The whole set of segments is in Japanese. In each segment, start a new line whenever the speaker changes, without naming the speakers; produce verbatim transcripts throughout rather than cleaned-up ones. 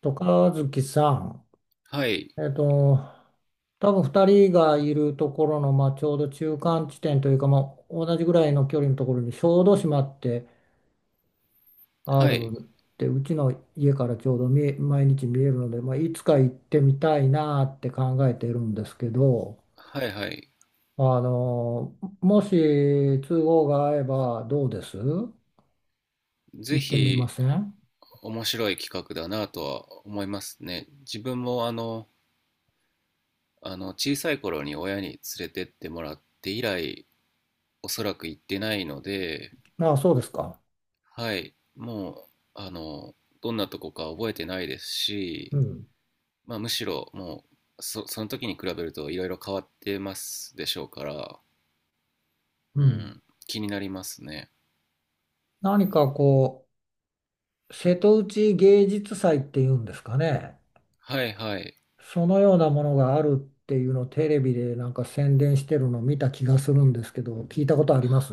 と、和樹さん、
はい、
えっと、多分ふたりがいるところの、まあ、ちょうど中間地点というか、まあ、同じぐらいの距離のところに小豆島ってあ
はい、
るって、うちの家からちょうど見え毎日見えるので、まあ、いつか行ってみたいなって考えているんですけど、
はい、はい。
あのもし都合が合えばどうです、行っ
ぜ
てみま
ひ、
せん？
面白い企画だなとは思いますね。自分もあの、あの、小さい頃に親に連れてってもらって以来、おそらく行ってないので、
ああ、そうですか。
はい、もう、あの、どんなとこか覚えてないです
う
し、
ん。
まあ、むしろもう、そ、その時に比べるといろいろ変わってますでしょうから、
う
う
ん。
ん、気になりますね。
何かこう瀬戸内芸術祭っていうんですかね。
はい、はい。
そのようなものがあるっていうのをテレビでなんか宣伝してるのを見た気がするんですけど、聞いたことあります？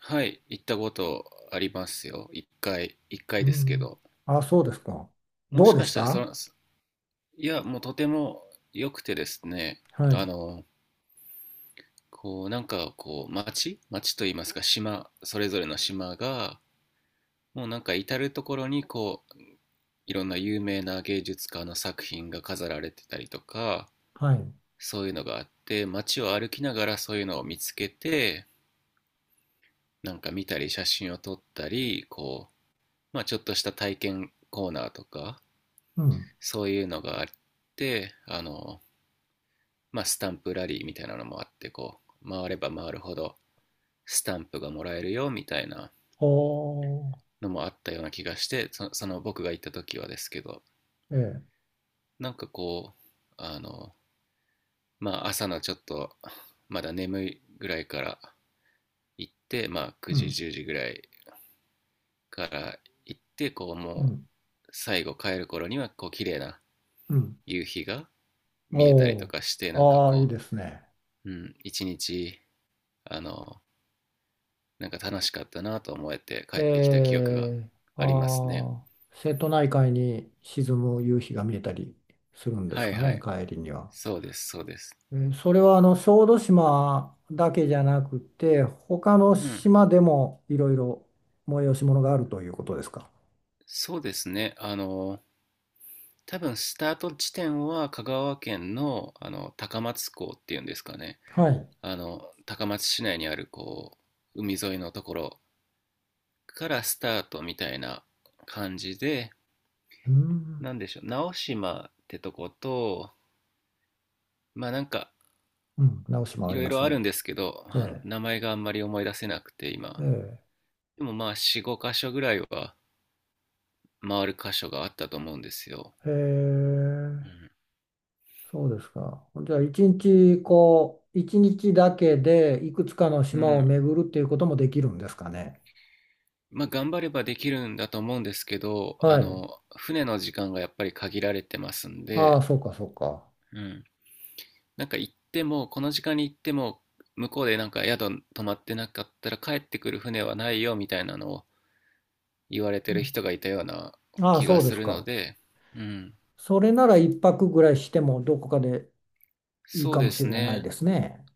はい、行ったことありますよ。一回、一回
う
ですけ
ん。
ど。
あ、そうですか。
も
ど
し
うで
か
し
したらそ
た？
の、いや、もうとても良くてですね、
は
あ
い。
の、こう、なんかこう、町、町といいますか、島、それぞれの島が、もうなんか至る所にこう、いろんな有名な芸術家の作品が飾られてたりとか、
はい。
そういうのがあって、街を歩きながらそういうのを見つけて、なんか見たり、写真を撮ったり、こう、まあちょっとした体験コーナーとか、
うん。
そういうのがあって、あの、まあ、スタンプラリーみたいなのもあって、こう回れば回るほどスタンプがもらえるよみたいな
おー。
のもあったような気がして、そその僕が行った時はですけど、
ええ。
なんかこう、あの、まあ、朝のちょっとまだ眠いぐらいから行って、まあ、9
う
時
ん。
じゅうじぐらいから行って、こう
う
も
ん。
う最後帰る頃にはこう綺麗な
うん。
夕日が見えたり
お
と
ー。
かして、なんか
ああ、いい
こ
ですね。
う、うん、一日あのなんか楽しかったなと思えて帰ってきた記
え
憶が
ー、
ありますね。
ああ、瀬戸内海に沈む夕日が見えたりするんで
は
す
い、
か
は
ね、
い。
帰りには。
そうです、そうです。
えー、それはあの小豆島だけじゃなくて他の
うん。
島でもいろいろ催し物があるということですか。
そうですね。あの、多分スタート地点は香川県の、あの高松港っていうんですかね。
はい。
あの、高松市内にあるこう、海沿いのところからスタートみたいな感じで、
うん、
なんでしょう、直島ってとこと、まあなんか
うん、直島あ
い
り
ろい
ま
ろ
す
ある
ね。
んですけど、
え
あ、
え、
名前があんまり思い出せなくて今。
え
でもまあよん、ご箇所ぐらいは回る箇所があったと思うんですよ。
え、へえ、
うん。
そうですか。じゃあ一日、こう一日だけでいくつかの
う
島を
ん。
巡るっていうこともできるんですかね。
まあ頑張ればできるんだと思うんですけど、あ
はい。
の、船の時間がやっぱり限られてますん
ああ、
で、
そうかそうか。
うん。なんか行っても、この時間に行っても、向こうでなんか宿泊まってなかったら帰ってくる船はないよみたいなのを言われて
う
る
ん、
人がいたような
ああ、
気
そ
が
うで
す
す
るの
か。
で、うん。
それなら一泊ぐらいしてもどこかでいい
そう
か
で
もし
す
れない
ね。
ですね。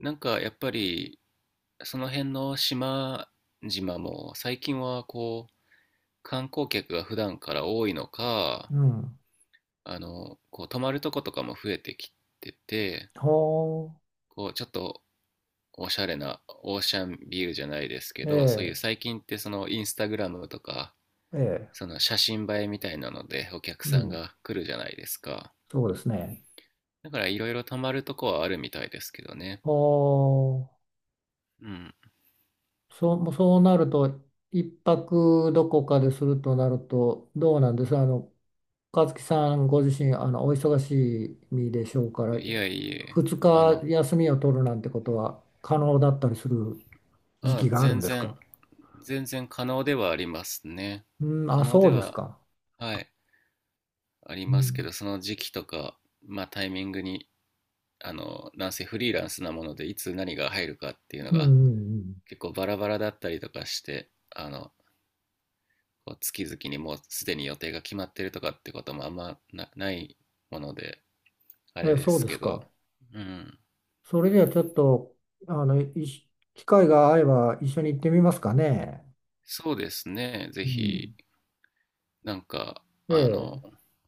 なんかやっぱり、その辺の島々も最近はこ観光客が普段から多いのか、
うん。
あの、こう泊まるとことかも増えてきてて、
ほ
こうちょっとおしゃれなオーシャンビューじゃないですけ
う、
ど、そういう
え
最近ってそのインスタグラムとか、
え、ええ、
その写真映えみたいなのでお客
う
さん
ん。
が来るじゃないですか。
そうですね。
だからいろいろ泊まるとこはあるみたいですけどね。
ほ
うん。
う、そう、そうなると、一泊どこかでするとなると、どうなんです、あの、和樹さんご自身、あの、お忙しい身でしょうから、
いや、いえ、
二
あ
日
の、
休みを取るなんてことは可能だったりする時
あ、
期があるん
全
です
然、
か？
全然可能ではありますね。
うん、あ、
可能
そ
で
うです
は、
か。
はい、あり
う
ますけ
ん、
ど、その時期とか、まあタイミングに、あの、男性フリーランスなもので、いつ何が入るかっていうの
うん、
が
うん、
結構バラバラだったりとかして、あの、こう月々にもうすでに予定が決まってるとかってこともあんま、な、ないもので、あ
うん。
れ
え、
で
そう
す
で
け
す
ど、
か。
うん。
それではちょっと、あの、いし機会が合えば一緒に行ってみますかね。
そうですね。ぜ
う
ひ、
ん。
なんか、あの、
え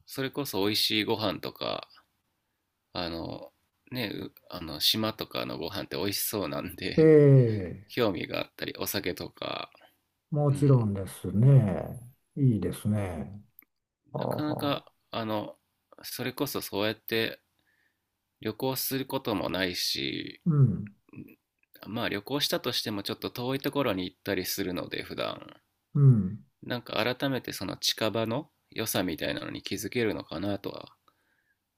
それこそ美味しいご飯とか、あの、ね、あの、島とかのご飯って美味しそうなん
え、え
で、
え、
興味があったり、お酒とか、
も
う
ちろ
ん。
んですね。いいですね。は
な
あ
かな
はあ。
か、あの、それこそそうやって旅行することもないし、
うん、
まあ旅行したとしてもちょっと遠いところに行ったりするので、普段
うん、
なんか改めてその近場の良さみたいなのに気づけるのかなとは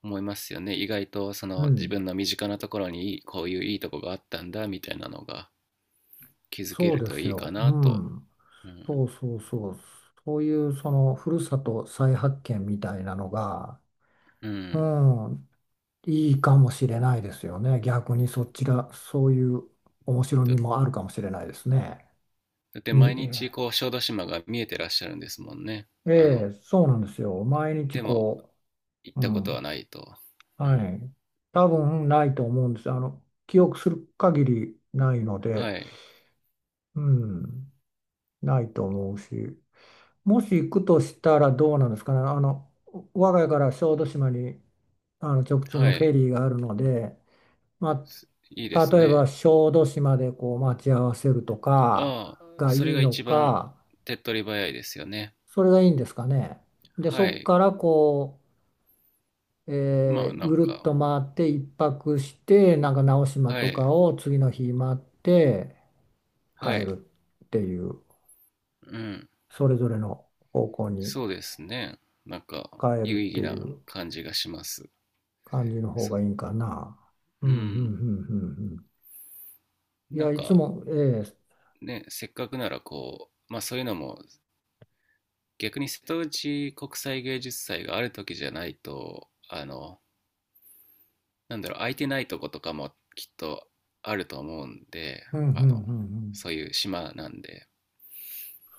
思いますよね。意外とそ
う
の自
ん。
分の身近なところにいいこういういいとこがあったんだみたいなのが気づけ
そう
る
で
と
す
いいか
よ。う
なと。
ん。
うん、
そうそうそう。そういうそのふるさと再発見みたいなのが、
う
う
ん、
ん、いいかもしれないですよね。逆にそっちが、そういう面白
だ
みもあるかもしれないですね。
だって
み
毎日こう小豆島が見えてらっしゃるんですもんね。
え
あ
え、
の
そうなんですよ。毎日
でも
こ
行っ
う、う
たことは
ん、
ないと。う
は
ん。
い。多分ないと思うんです。あの、記憶する限りないの
は
で、
い。
うん、ないと思うし、もし行くとしたらどうなんですかね。あの、我が家から小豆島に、あの直通
は
のフェ
い。
リーがあるので、ま
いいで
あ、
す
例え
ね。
ば小豆島でこう待ち合わせるとか
ああ、
がい
それ
い
が
の
一番
か、
手っ取り早いですよね。
それがいいんですかね。で、
は
そこ
い。
からこう、
ま
え
あ
ー、
なん
ぐるっ
か、
と回って一泊してなんか直島
は
とか
い。
を次の日回って
は
帰
い。
るっていう、
うん。
それぞれの方向に
そうですね。なんか、
帰るっ
有意
て
義
い
な
う
感じがします。
感じの方が
そ
いいんかな。う
う
んうんう
ん。
んうんうん。い
な
や
ん
いつ
か、
も、ええ、
ね、せっかくならこう、まあそういうのも、逆に瀬戸内国際芸術祭がある時じゃないと、あの、なんだろう、空いてないとことかもきっとあると思うんで、
うんうんうん
あ
う
の、
ん、
そういう島なんで、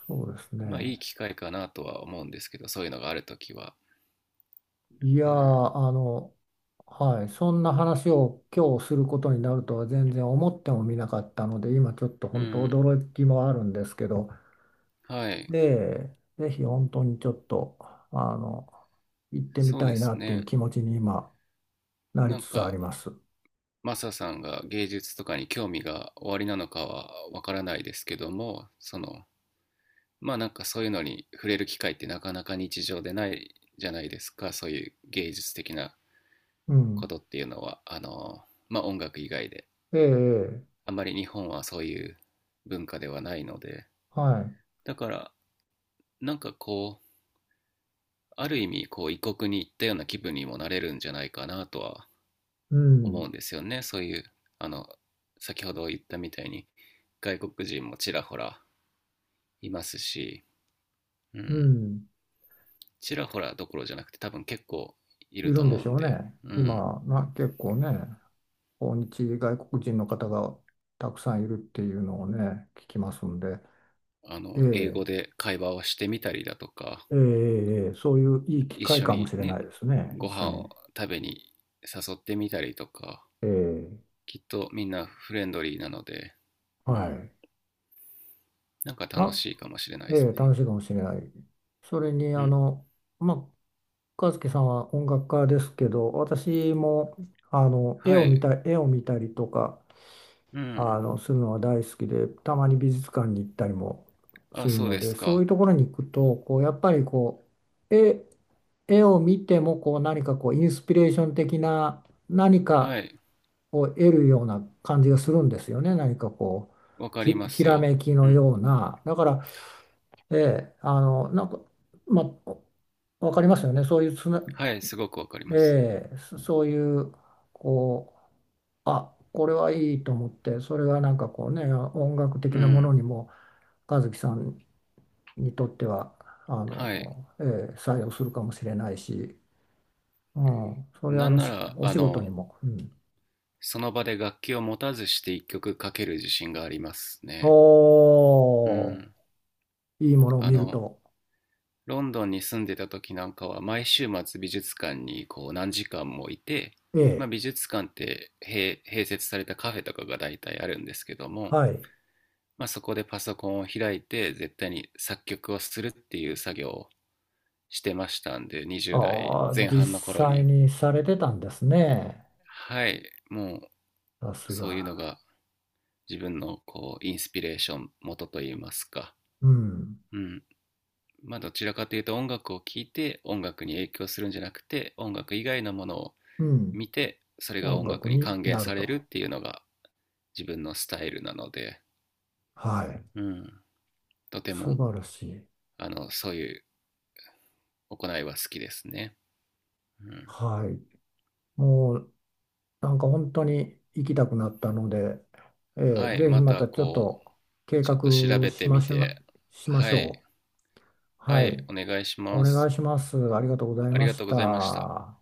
そうです
まあい
ね。
い機会かなとは思うんですけど、そういうのがあるときは。
いやー、
うん。
あのはい、そんな話を今日することになるとは全然思ってもみなかったので、今ちょっと
う
本当
ん。
驚きもあるんですけど。
はい。
で、ぜひ本当にちょっと、あの、行ってみ
そう
た
で
いな
す
っていう
ね。
気持ちに今なり
なん
つつあり
か、
ます。
マサさんが芸術とかに興味がおありなのかはわからないですけども、その、まあなんかそういうのに触れる機会ってなかなか日常でないじゃないですか、そういう芸術的な
う
こ
ん。
とっていうのは、あの、まあ音楽以外で。
ええ、ええ、
あまり日本はそういう文化ではないので、
はい。
だからなんかこう、ある意味こう異国に行ったような気分にもなれるんじゃないかなとは
う
思う
ん、
んですよね。そういう、あの、先ほど言ったみたいに外国人もちらほらいますし、う
う
ん、
ん。
ちらほらどころじゃなくて多分結構い
い
ると
るんで
思う
しょ
ん
う
で、
ね。
うん、
今、な、結構ね、訪日外国人の方がたくさんいるっていうのをね、聞きますんで、
あ
え
の、英語
え、
で会話をしてみたりだとか、
ええ、ええ、そういういい機
一
会
緒
かも
に
しれ
ね、
ないですね、
ご
一緒
飯
に。
を食べに誘ってみたりとか、
ええ、
きっとみんなフレンドリーなので、う
は
ん、
い。
なんか楽
あ、
しいかもしれないで
ええ、
すね。
楽しいかもしれない。それに、
う
あ
ん、
の、まあ、和樹さんは音楽家ですけど、私もあの
は
絵を見
い、
た、絵を見たりとか、
う
あ
ん、
のするのは大好きで、たまに美術館に行ったりもす
あ、
る
そう
の
で
で、
す
そういう
か。
ところに行くと、こうやっぱりこう絵、絵を見てもこう何かこうインスピレーション的な何
は
か
い、
を得るような感じがするんですよね。何かこ
わ
う
か
ひ、
りま
ひ
す
ら
よ。
めき
う
の
ん、
ような。だから、ええ、あの、なんか、まあ、わかりますよね。そういうつな、
はい、すごくわかり
え
ます。
え、そそういう、こう、あ、これはいいと思って、それがなんかこうね、音楽
う
的なもの
ん、
にも、和樹さんにとっては、あ
はい、
の、ええ、採用するかもしれないし、うん、それはあ
なん
の、
な
し
ら、
お
あ
仕事に
の、
も、うん、
その場で楽器を持たずして一曲かける自信がありますね。う
お
ん、
ー、いいものを
あ
見る
の、
と、
ロンドンに住んでた時なんかは毎週末美術館にこう何時間もいて、
え
まあ、
え、
美術館って併併設されたカフェとかが大体あるんですけども、
はい、
まあ、そこでパソコンを開いて絶対に作曲をするっていう作業をしてましたんで、にじゅうだい
ああ、
代前
実
半の頃
際
に。
にされてたんですね、
はい、もう
さす
そういうの
が、
が自分のこうインスピレーション元といいますか、
うん、
うん、まあどちらかというと音楽を聴いて音楽に影響するんじゃなくて、音楽以外のものを
うん、
見てそれが
音
音楽
楽
に
に
還元
なる
されるっ
と。
ていうのが自分のスタイルなので、
はい。
うん、とて
素
も
晴らしい。
あのそういう行いは好きですね。うん、
はい。もうなんか本当に行きたくなったので、え
は
ー、
い、
ぜひ
ま
ま
た
たちょっ
こ
と
う、
計
ちょ
画
っと調べ
し
て
ま
み
しょう、
て、
しまし
はい、
ょう。
は
は
い、
い。
お願いし
お
ま
願
す。
いします。ありがとうござい
あり
ま
が
し
とうございました。
た。